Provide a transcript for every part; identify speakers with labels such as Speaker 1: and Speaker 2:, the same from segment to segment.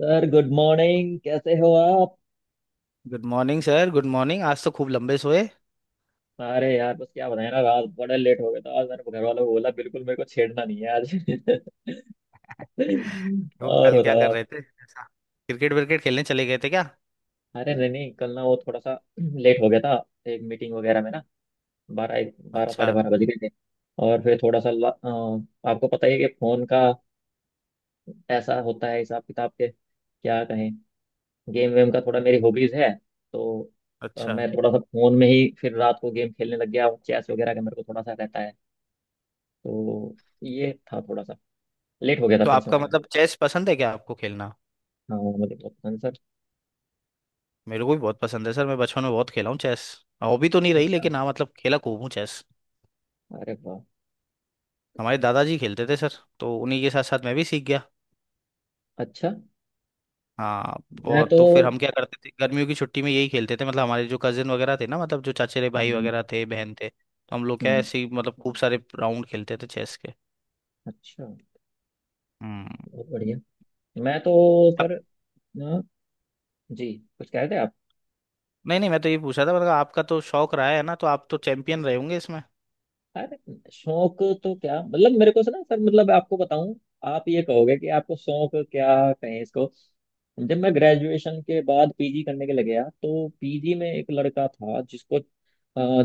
Speaker 1: Sir good morning, कैसे हो आप।
Speaker 2: Good morning sir. Good morning. आज तो खूब लंबे सोए।
Speaker 1: अरे यार, बस क्या बताएं ना, रात बड़ा लेट हो गया था। आज मैंने घर वालों को बोला बिल्कुल मेरे को छेड़ना नहीं है आज।
Speaker 2: तो
Speaker 1: और
Speaker 2: कल क्या
Speaker 1: बताओ
Speaker 2: कर
Speaker 1: आप।
Speaker 2: रहे थे ऐसा? क्रिकेट विकेट खेलने चले गए थे क्या?
Speaker 1: अरे नहीं नहीं, कल ना वो थोड़ा सा लेट हो गया था। एक मीटिंग वगैरह में ना, बारह एक बारह
Speaker 2: अच्छा।
Speaker 1: साढ़े बारह बज गए थे। और फिर थोड़ा सा आपको पता ही है कि फोन का ऐसा होता है, हिसाब किताब के क्या कहें। गेम वेम का थोड़ा मेरी हॉबीज है तो
Speaker 2: अच्छा,
Speaker 1: मैं थोड़ा सा फोन में ही फिर रात को गेम खेलने लग गया। चेस वगैरह का मेरे को थोड़ा सा रहता है, तो ये था थोड़ा सा। लेट हो गया था
Speaker 2: तो
Speaker 1: फिर
Speaker 2: आपका
Speaker 1: सोने में।
Speaker 2: मतलब चेस पसंद है क्या आपको खेलना?
Speaker 1: हाँ, मुझे तो आंसर।
Speaker 2: मेरे को भी बहुत पसंद है सर। मैं बचपन में बहुत खेला हूँ चेस। हॉबी तो नहीं रही
Speaker 1: अच्छा।
Speaker 2: लेकिन हाँ मतलब खेला खूब हूँ चेस।
Speaker 1: अरे वाह।
Speaker 2: हमारे दादाजी खेलते थे सर, तो उन्हीं के साथ साथ मैं भी सीख गया।
Speaker 1: अच्छा।
Speaker 2: हाँ।
Speaker 1: मैं
Speaker 2: और
Speaker 1: तो।
Speaker 2: तो फिर हम क्या करते थे, गर्मियों की छुट्टी में यही खेलते थे, मतलब हमारे जो कजिन वगैरह थे ना, मतलब जो चचेरे भाई
Speaker 1: हम्म,
Speaker 2: वगैरह थे बहन थे, तो हम लोग क्या
Speaker 1: हम्म,
Speaker 2: ऐसे ही मतलब खूब सारे राउंड खेलते थे चेस के।
Speaker 1: अच्छा।
Speaker 2: हम्म।
Speaker 1: बहुत बढ़िया। मैं तो सर। हाँ, जी, कुछ कह रहे थे आप।
Speaker 2: नहीं नहीं, मैं तो ये पूछा था मतलब आपका तो शौक रहा है ना, तो आप तो चैंपियन रहे होंगे इसमें।
Speaker 1: अरे शौक तो क्या मतलब, मेरे को से ना सर, मतलब आपको बताऊं। आप ये कहोगे कि आपको शौक क्या कहें इसको। जब मैं ग्रेजुएशन के बाद पीजी करने के लिए गया, तो पीजी में एक लड़का था जिसको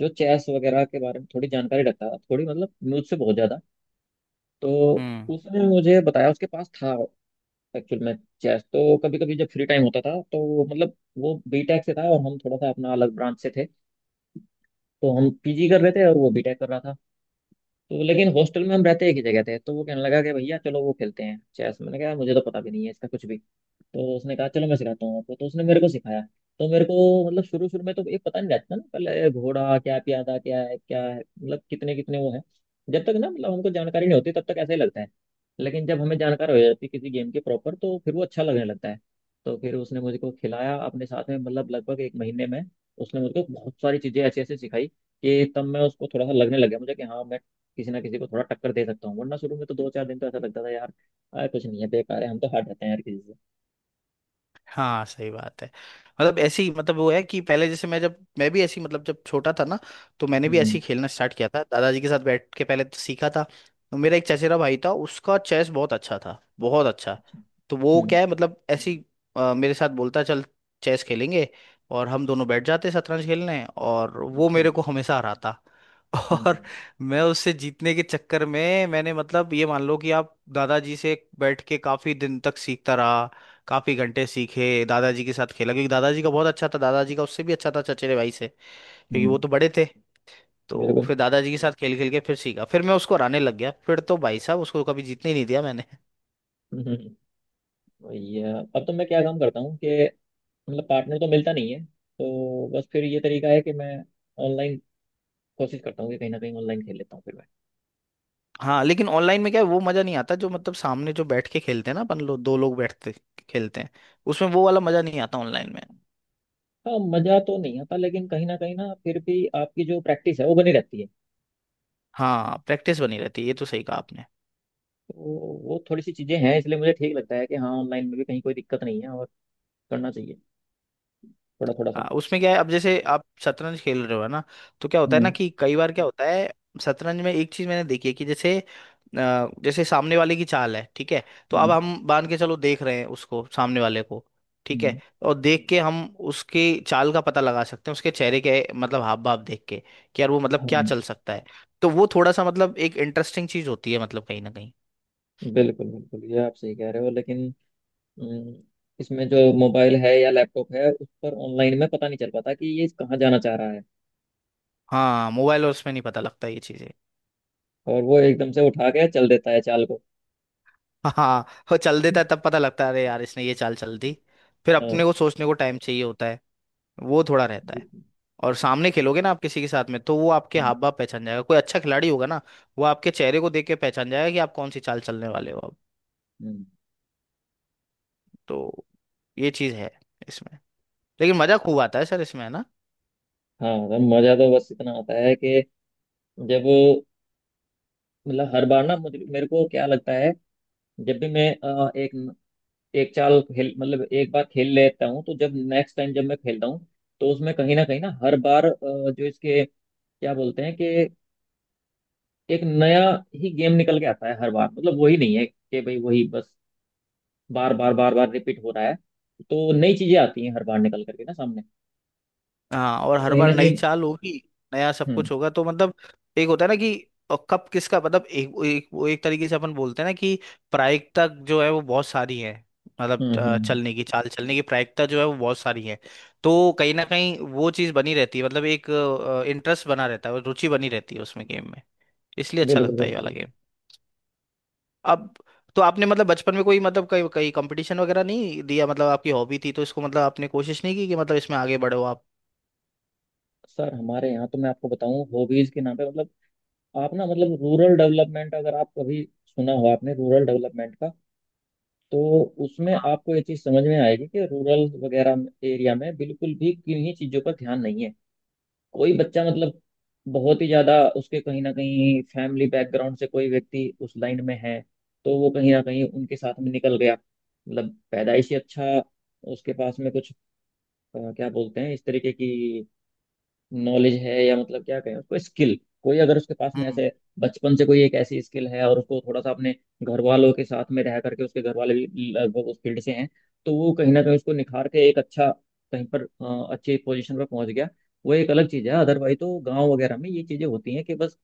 Speaker 1: जो चेस वगैरह के बारे में थोड़ी जानकारी रखता था। थोड़ी मतलब मुझसे बहुत ज्यादा, तो
Speaker 2: हम्म।
Speaker 1: उसने मुझे बताया उसके पास था एक्चुअल में। चेस तो कभी कभी जब फ्री टाइम होता था, तो वो मतलब वो बीटेक से था और हम थोड़ा सा अपना अलग ब्रांच से थे। तो हम पीजी कर रहे थे और वो बीटेक कर रहा था। तो लेकिन हॉस्टल में हम रहते एक ही जगह थे, तो वो कहने लगा कि भैया चलो वो खेलते हैं चेस। मैंने कहा मुझे तो पता भी नहीं है इसका कुछ भी, तो उसने कहा चलो मैं सिखाता हूँ आपको, तो उसने मेरे को सिखाया। तो मेरे को मतलब शुरू शुरू में तो एक पता नहीं रहता ना, पहले घोड़ा क्या प्यादा क्या है क्या है, मतलब कितने कितने वो है। जब तक ना मतलब हमको जानकारी नहीं होती तब तक ऐसा ही लगता है। लेकिन जब हमें जानकारी हो जाती है किसी गेम की प्रॉपर, तो फिर वो अच्छा लगने लगता है। तो फिर उसने मुझको खिलाया अपने साथ में, मतलब लगभग एक महीने में उसने मुझको बहुत सारी चीजें ऐसी ऐसी सिखाई कि तब मैं उसको थोड़ा सा लगने लग गया मुझे कि हाँ मैं किसी ना किसी को थोड़ा टक्कर दे सकता हूँ। वरना शुरू में तो दो चार दिन तो ऐसा लगता था यार, कुछ नहीं है, बेकार है, हम तो हट जाते हैं यार किसी से।
Speaker 2: हाँ सही बात है। मतलब ऐसी मतलब वो है कि पहले जैसे मैं, जब मैं भी ऐसी मतलब जब छोटा था ना, तो मैंने भी ऐसे
Speaker 1: हम्म।
Speaker 2: ही खेलना स्टार्ट किया था, दादाजी के साथ बैठ के पहले तो सीखा था। तो मेरा एक चचेरा भाई था, उसका चेस बहुत अच्छा था, बहुत अच्छा।
Speaker 1: अच्छा।
Speaker 2: तो वो
Speaker 1: हम्म।
Speaker 2: क्या है मतलब ऐसी, मेरे साथ बोलता चल चेस खेलेंगे, और हम दोनों बैठ जाते शतरंज खेलने और वो
Speaker 1: अच्छा।
Speaker 2: मेरे को हमेशा हराता। और
Speaker 1: हम्म।
Speaker 2: मैं उससे जीतने के चक्कर में मैंने मतलब ये मान लो कि आप दादाजी से बैठ के काफी दिन तक सीखता रहा, काफी घंटे सीखे दादाजी के साथ खेला, क्योंकि दादाजी का बहुत अच्छा था, दादाजी का उससे भी अच्छा था चचेरे भाई से, क्योंकि वो
Speaker 1: हम्म।
Speaker 2: तो बड़े थे। तो
Speaker 1: बिल्कुल।
Speaker 2: फिर दादाजी के साथ खेल खेल के फिर सीखा, फिर मैं उसको हराने लग गया, फिर तो भाई साहब उसको कभी जीतने ही नहीं दिया मैंने।
Speaker 1: हम्म, वही है। अब तो मैं क्या काम करता हूँ कि मतलब पार्टनर तो मिलता नहीं है, तो बस फिर ये तरीका है कि मैं ऑनलाइन कोशिश करता हूँ कि कहीं ना कहीं ऑनलाइन खेल लेता हूँ फिर मैं।
Speaker 2: हाँ लेकिन ऑनलाइन में क्या है, वो मजा नहीं आता जो मतलब सामने जो बैठ के खेलते हैं ना अपन लोग, दो लोग बैठते खेलते हैं, उसमें वो वाला मजा नहीं आता ऑनलाइन में।
Speaker 1: हाँ, मजा तो नहीं आता, लेकिन कहीं ना फिर भी आपकी जो प्रैक्टिस है वो बनी रहती है।
Speaker 2: हाँ, प्रैक्टिस बनी रहती है, ये तो सही कहा आपने।
Speaker 1: तो वो थोड़ी सी चीजें हैं, इसलिए मुझे ठीक लगता है कि हाँ ऑनलाइन में भी कहीं कोई दिक्कत नहीं है, और करना चाहिए थोड़ा थोड़ा
Speaker 2: हाँ
Speaker 1: सा।
Speaker 2: उसमें क्या है, अब जैसे आप शतरंज खेल रहे हो है ना, तो क्या होता है ना
Speaker 1: हम्म।
Speaker 2: कि कई बार क्या होता है, शतरंज में एक चीज मैंने देखी है कि जैसे, जैसे सामने वाले की चाल है ठीक है, तो अब
Speaker 1: हम्म।
Speaker 2: हम मान के चलो देख रहे हैं उसको, सामने वाले को, ठीक है,
Speaker 1: हम्म।
Speaker 2: और देख के हम उसके चाल का पता लगा सकते हैं, उसके चेहरे के मतलब हाव भाव देख के, कि यार वो
Speaker 1: हाँ,
Speaker 2: मतलब क्या चल सकता है। तो वो थोड़ा सा मतलब एक इंटरेस्टिंग चीज होती है मतलब कहीं ना कहीं।
Speaker 1: बिल्कुल बिल्कुल, ये आप सही कह रहे हो, लेकिन अम, इसमें जो मोबाइल है या लैपटॉप है, उस पर ऑनलाइन में पता नहीं चल पाता कि ये कहाँ जाना चाह रहा है,
Speaker 2: हाँ मोबाइल और उसमें नहीं पता लगता ये चीजें।
Speaker 1: और वो एकदम से उठा के चल देता है चाल को।
Speaker 2: हाँ, वो चल देता है तब पता लगता है अरे यार इसने ये चाल चल दी, फिर अपने
Speaker 1: हाँ।
Speaker 2: को सोचने को टाइम चाहिए होता है, वो थोड़ा रहता है।
Speaker 1: बिल्कुल।
Speaker 2: और सामने खेलोगे ना आप किसी के साथ में तो वो आपके
Speaker 1: हम्म।
Speaker 2: हाव भाव पहचान जाएगा, कोई अच्छा खिलाड़ी होगा ना, वो आपके चेहरे को देख के पहचान जाएगा कि आप कौन सी चाल चलने वाले हो अब।
Speaker 1: हम्म।
Speaker 2: तो ये चीज है इसमें। लेकिन मजा खूब आता है सर इसमें, है ना?
Speaker 1: हाँ, तो मजा तो बस इतना आता है कि जब मतलब हर बार ना मुझे मेरे को क्या लगता है, जब भी मैं एक एक चाल खेल मतलब एक बार खेल लेता हूँ, तो जब नेक्स्ट टाइम जब मैं खेलता हूँ, तो उसमें कहीं ना हर बार जो इसके क्या बोलते हैं कि एक नया ही गेम निकल के आता है हर बार, मतलब वही नहीं है कि भाई वही बस बार बार बार बार रिपीट हो रहा है। तो नई चीजें आती हैं हर बार निकल करके ना सामने,
Speaker 2: हाँ और
Speaker 1: तो
Speaker 2: हर
Speaker 1: कहीं ना
Speaker 2: बार
Speaker 1: कहीं।
Speaker 2: नई चाल होगी, नया सब
Speaker 1: हम्म।
Speaker 2: कुछ होगा, तो मतलब एक होता है ना कि, कब किसका मतलब एक वो एक वो एक तरीके से अपन बोलते हैं ना कि प्रायिकता जो है वो बहुत सारी है, मतलब
Speaker 1: हम्म। हम्म।
Speaker 2: चलने की चाल चलने की प्रायिकता जो है वो बहुत सारी है। तो कहीं ना कहीं वो चीज बनी रहती है, मतलब एक इंटरेस्ट बना रहता है और रुचि बनी रहती है उसमें गेम में, इसलिए अच्छा
Speaker 1: बिल्कुल
Speaker 2: लगता है ये
Speaker 1: बिल्कुल।
Speaker 2: वाला गेम। अब तो आपने मतलब बचपन में कोई मतलब कहीं कहीं कंपटीशन वगैरह नहीं दिया, मतलब आपकी हॉबी थी, तो इसको मतलब आपने कोशिश नहीं की कि मतलब इसमें आगे बढ़ो आप?
Speaker 1: सर हमारे यहाँ तो मैं आपको बताऊं, हॉबीज के नाम पे मतलब, आप ना मतलब रूरल डेवलपमेंट, अगर आप कभी सुना हो आपने रूरल डेवलपमेंट का, तो उसमें
Speaker 2: हाँ।
Speaker 1: आपको ये चीज समझ में आएगी कि रूरल वगैरह एरिया में बिल्कुल भी किन्हीं चीजों पर ध्यान नहीं है। कोई बच्चा मतलब बहुत ही ज्यादा उसके कहीं ना कहीं फैमिली बैकग्राउंड से कोई व्यक्ति उस लाइन में है, तो वो कहीं ना कहीं उनके साथ में निकल गया, मतलब पैदाइश ही अच्छा। उसके पास में कुछ क्या बोलते हैं इस तरीके की नॉलेज है, या मतलब क्या कहें उसको स्किल, कोई अगर उसके पास में
Speaker 2: हम्म।
Speaker 1: ऐसे बचपन से कोई एक ऐसी स्किल है, और उसको थोड़ा सा अपने घर वालों के साथ में रह करके, उसके घर वाले भी लगभग उस फील्ड से हैं, तो वो कहीं ना कहीं उसको निखार के एक अच्छा कहीं पर अच्छी पोजीशन पर पहुंच गया। वो एक अलग चीज़ है। अदरवाइज तो गांव वगैरह में ये चीज़ें होती हैं कि बस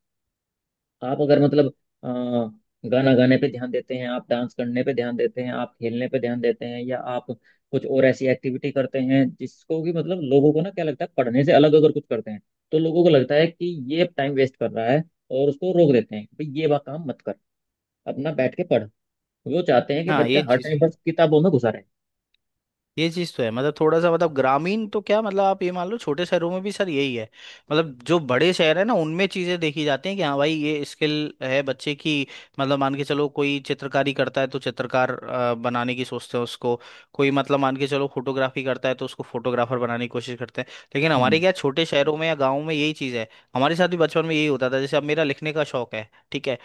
Speaker 1: आप अगर मतलब अ, गाना गाने पे ध्यान देते हैं, आप डांस करने पे ध्यान देते हैं, आप खेलने पे ध्यान देते हैं, या आप कुछ और ऐसी एक्टिविटी करते हैं जिसको कि मतलब लोगों को ना क्या लगता है, पढ़ने से अलग अगर कुछ करते हैं, तो लोगों को लगता है कि ये टाइम वेस्ट कर रहा है, और उसको रोक देते हैं कि भाई ये वाला काम मत कर, अपना बैठ के पढ़। वो चाहते हैं कि
Speaker 2: हाँ
Speaker 1: बच्चा
Speaker 2: ये
Speaker 1: हर
Speaker 2: चीज
Speaker 1: टाइम
Speaker 2: तो है,
Speaker 1: बस किताबों में घुसा रहे।
Speaker 2: ये चीज तो है, मतलब थोड़ा सा मतलब ग्रामीण तो क्या, मतलब आप ये मान लो छोटे शहरों में भी सर यही है। मतलब जो बड़े शहर है ना, उनमें चीजें देखी जाती हैं कि हाँ भाई ये स्किल है बच्चे की, मतलब मान के चलो कोई चित्रकारी करता है तो चित्रकार बनाने की सोचते हैं उसको। कोई मतलब मान के चलो फोटोग्राफी करता है तो उसको फोटोग्राफर बनाने की कोशिश करते हैं। लेकिन हमारे
Speaker 1: हम्म।
Speaker 2: क्या छोटे शहरों में या गाँव में यही चीज है। हमारे साथ भी बचपन में यही होता था, जैसे अब मेरा लिखने का शौक है ठीक है,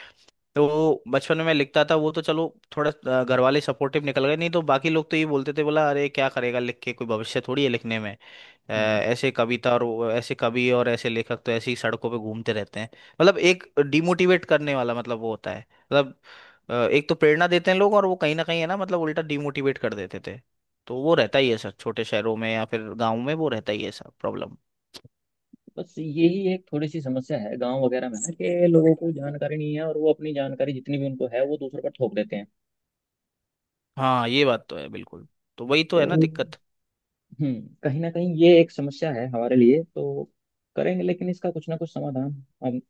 Speaker 2: तो बचपन में मैं लिखता था वो तो चलो थोड़ा, घर वाले सपोर्टिव निकल गए, नहीं तो बाकी लोग तो ये बोलते थे, बोला अरे क्या करेगा लिख के, कोई भविष्य थोड़ी है लिखने में।
Speaker 1: हम्म।
Speaker 2: ऐसे कविता और ऐसे कवि और ऐसे लेखक तो ऐसे ही सड़कों पे घूमते रहते हैं। मतलब एक डिमोटिवेट करने वाला मतलब वो होता है। मतलब एक तो प्रेरणा देते हैं लोग और वो कहीं ना कहीं है ना, मतलब उल्टा डिमोटिवेट कर देते थे। तो वो रहता ही है सर छोटे शहरों में या फिर गाँव में, वो रहता ही है सर प्रॉब्लम।
Speaker 1: बस यही एक थोड़ी सी समस्या है गांव वगैरह में ना, कि लोगों को जानकारी नहीं है, और वो अपनी जानकारी जितनी भी उनको है वो दूसरों पर थोप देते हैं।
Speaker 2: हाँ ये बात तो है बिल्कुल। तो वही तो
Speaker 1: तो
Speaker 2: है ना दिक्कत।
Speaker 1: हम्म, कहीं ना कहीं ये एक समस्या है, हमारे लिए तो करेंगे लेकिन इसका कुछ ना कुछ समाधान। हम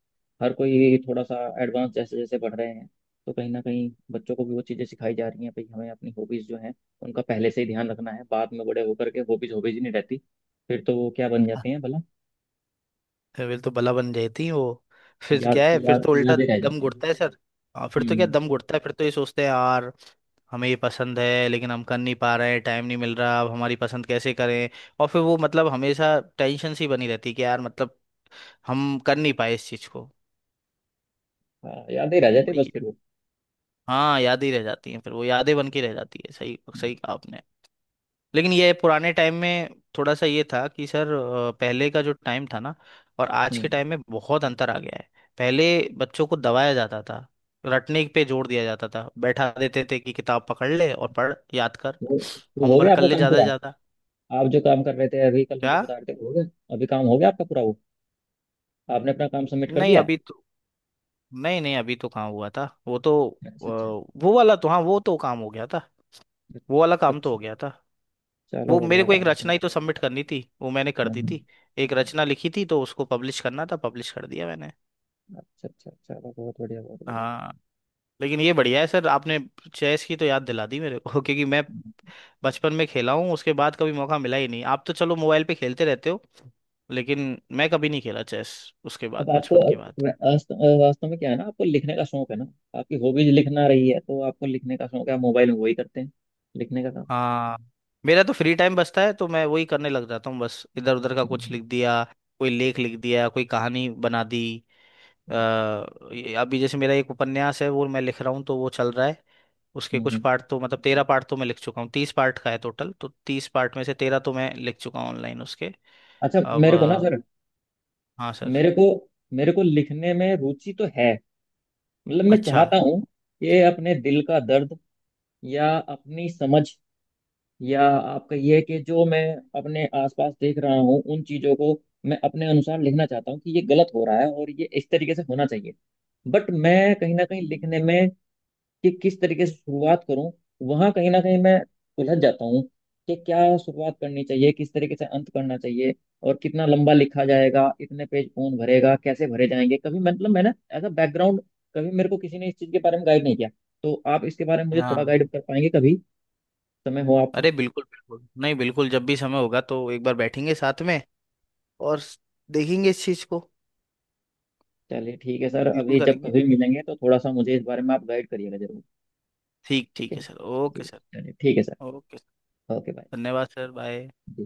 Speaker 1: हर कोई थोड़ा सा एडवांस जैसे जैसे बढ़ रहे हैं, तो कहीं ना कहीं बच्चों को भी वो चीज़ें सिखाई जा रही हैं, भाई हमें अपनी हॉबीज़ जो हैं उनका पहले से ही ध्यान रखना है। बाद में बड़े होकर के हॉबीज़ हॉबीज़ ही नहीं रहती, फिर तो वो क्या बन जाते हैं भला,
Speaker 2: फिर तो बला बन जाती है वो। फिर तो
Speaker 1: याद
Speaker 2: क्या है, फिर
Speaker 1: याद
Speaker 2: तो उल्टा
Speaker 1: यादें रह
Speaker 2: दम
Speaker 1: जाती हैं।
Speaker 2: घुटता है सर। हाँ फिर तो क्या
Speaker 1: हम्म।
Speaker 2: दम घुटता है, फिर तो ये सोचते हैं यार हमें ये पसंद है लेकिन हम कर नहीं पा रहे हैं, टाइम नहीं मिल रहा, अब हमारी पसंद कैसे करें। और फिर वो मतलब हमेशा टेंशन सी बनी रहती है कि यार मतलब हम कर नहीं पाए इस चीज़ को।
Speaker 1: हाँ, यादें रह जाती हैं बस
Speaker 2: वही।
Speaker 1: फिर वो।
Speaker 2: हाँ यादें रह जाती हैं, फिर वो यादें बन के रह जाती है, सही सही कहा आपने। लेकिन ये पुराने टाइम में थोड़ा सा ये था कि सर, पहले का जो टाइम था ना और आज
Speaker 1: हम्म।
Speaker 2: के टाइम में बहुत अंतर आ गया है। पहले बच्चों को दबाया जाता था, रटने पे जोर दिया जाता था, बैठा देते थे कि किताब पकड़ ले और पढ़ याद कर,
Speaker 1: वो वो हो गया
Speaker 2: होमवर्क कर
Speaker 1: आपका
Speaker 2: ले
Speaker 1: काम
Speaker 2: ज्यादा
Speaker 1: पूरा,
Speaker 2: से ज्यादा।
Speaker 1: आप जो काम कर रहे थे अभी कल मुझे
Speaker 2: क्या?
Speaker 1: बता रहे थे, वो हो गया अभी, काम हो गया आपका पूरा वो, आपने अपना काम सबमिट कर
Speaker 2: नहीं
Speaker 1: दिया।
Speaker 2: अभी तो। नहीं नहीं, अभी तो कहाँ हुआ था वो तो। अ,
Speaker 1: अच्छा अच्छा।
Speaker 2: वो वाला तो, हाँ वो तो काम हो गया था, वो वाला काम तो हो
Speaker 1: अच्छा,
Speaker 2: गया था।
Speaker 1: चलो
Speaker 2: वो मेरे
Speaker 1: बढ़िया,
Speaker 2: को एक
Speaker 1: कराओगे।
Speaker 2: रचना ही तो सबमिट करनी थी, वो मैंने कर दी
Speaker 1: हम्म,
Speaker 2: थी। एक रचना लिखी थी तो उसको पब्लिश करना था, पब्लिश कर दिया मैंने।
Speaker 1: अच्छा अच्छा, चलो बहुत बढ़िया बहुत बढ़िया।
Speaker 2: हाँ। लेकिन ये बढ़िया है सर, आपने चेस की तो याद दिला दी मेरे को। क्योंकि मैं
Speaker 1: हम्म।
Speaker 2: बचपन में खेला हूँ, उसके बाद कभी मौका मिला ही नहीं। आप तो चलो मोबाइल पे खेलते रहते हो, लेकिन मैं कभी नहीं खेला चेस उसके
Speaker 1: अब
Speaker 2: बाद,
Speaker 1: आपको
Speaker 2: बचपन के बाद।
Speaker 1: वास्तव वास्तव में क्या है ना, आपको लिखने का शौक है ना, आपकी हॉबीज लिखना रही है, तो आपको लिखने का शौक है, आप मोबाइल में वही करते हैं, लिखने का काम।
Speaker 2: हाँ। मेरा तो फ्री टाइम बचता है तो मैं वही करने लग जाता हूँ, बस इधर उधर का कुछ
Speaker 1: हम्म,
Speaker 2: लिख दिया, कोई लेख लिख दिया, कोई कहानी बना दी। अ, अभी जैसे मेरा एक उपन्यास है वो मैं लिख रहा हूँ, तो वो चल रहा है। उसके
Speaker 1: हम्म,
Speaker 2: कुछ
Speaker 1: हम्म।
Speaker 2: पार्ट तो मतलब 13 पार्ट तो मैं लिख चुका हूँ, 30 पार्ट का है टोटल, तो 30 पार्ट में से 13 तो मैं लिख चुका हूँ ऑनलाइन उसके।
Speaker 1: अच्छा।
Speaker 2: अब।
Speaker 1: मेरे को ना सर,
Speaker 2: हाँ सर।
Speaker 1: मेरे को मेरे को लिखने में रुचि तो है, मतलब मैं
Speaker 2: अच्छा।
Speaker 1: चाहता हूँ कि अपने दिल का दर्द या अपनी समझ, या आपका ये है कि जो मैं अपने आसपास देख रहा हूँ उन चीजों को, मैं अपने अनुसार लिखना चाहता हूँ, कि ये गलत हो रहा है और ये इस तरीके से होना चाहिए। बट मैं कहीं ना कहीं लिखने में, कि किस तरीके से शुरुआत करूँ, वहाँ कहीं ना कहीं मैं उलझ जाता हूँ, कि क्या शुरुआत करनी चाहिए, किस तरीके से अंत करना चाहिए, और कितना लंबा लिखा जाएगा, इतने पेज कौन भरेगा, कैसे भरे जाएंगे। कभी मतलब मैंने एज अ बैकग्राउंड, कभी मेरे को किसी ने इस चीज के बारे में गाइड नहीं किया, तो आप इसके बारे में मुझे थोड़ा गाइड
Speaker 2: हाँ,
Speaker 1: कर पाएंगे, कभी समय हो आपको।
Speaker 2: अरे बिल्कुल बिल्कुल, नहीं बिल्कुल, जब भी समय होगा तो एक बार बैठेंगे साथ में और देखेंगे इस चीज को।
Speaker 1: चलिए ठीक है सर,
Speaker 2: बिल्कुल
Speaker 1: अभी जब
Speaker 2: करेंगे।
Speaker 1: कभी मिलेंगे तो थोड़ा सा मुझे इस बारे में आप गाइड करिएगा जरूर।
Speaker 2: ठीक,
Speaker 1: ठीक
Speaker 2: ठीक
Speaker 1: है।
Speaker 2: है सर, ओके
Speaker 1: जी।
Speaker 2: सर।
Speaker 1: चलिए ठीक है सर।
Speaker 2: ओके।
Speaker 1: Okay bye.
Speaker 2: धन्यवाद सर, बाय।
Speaker 1: जी।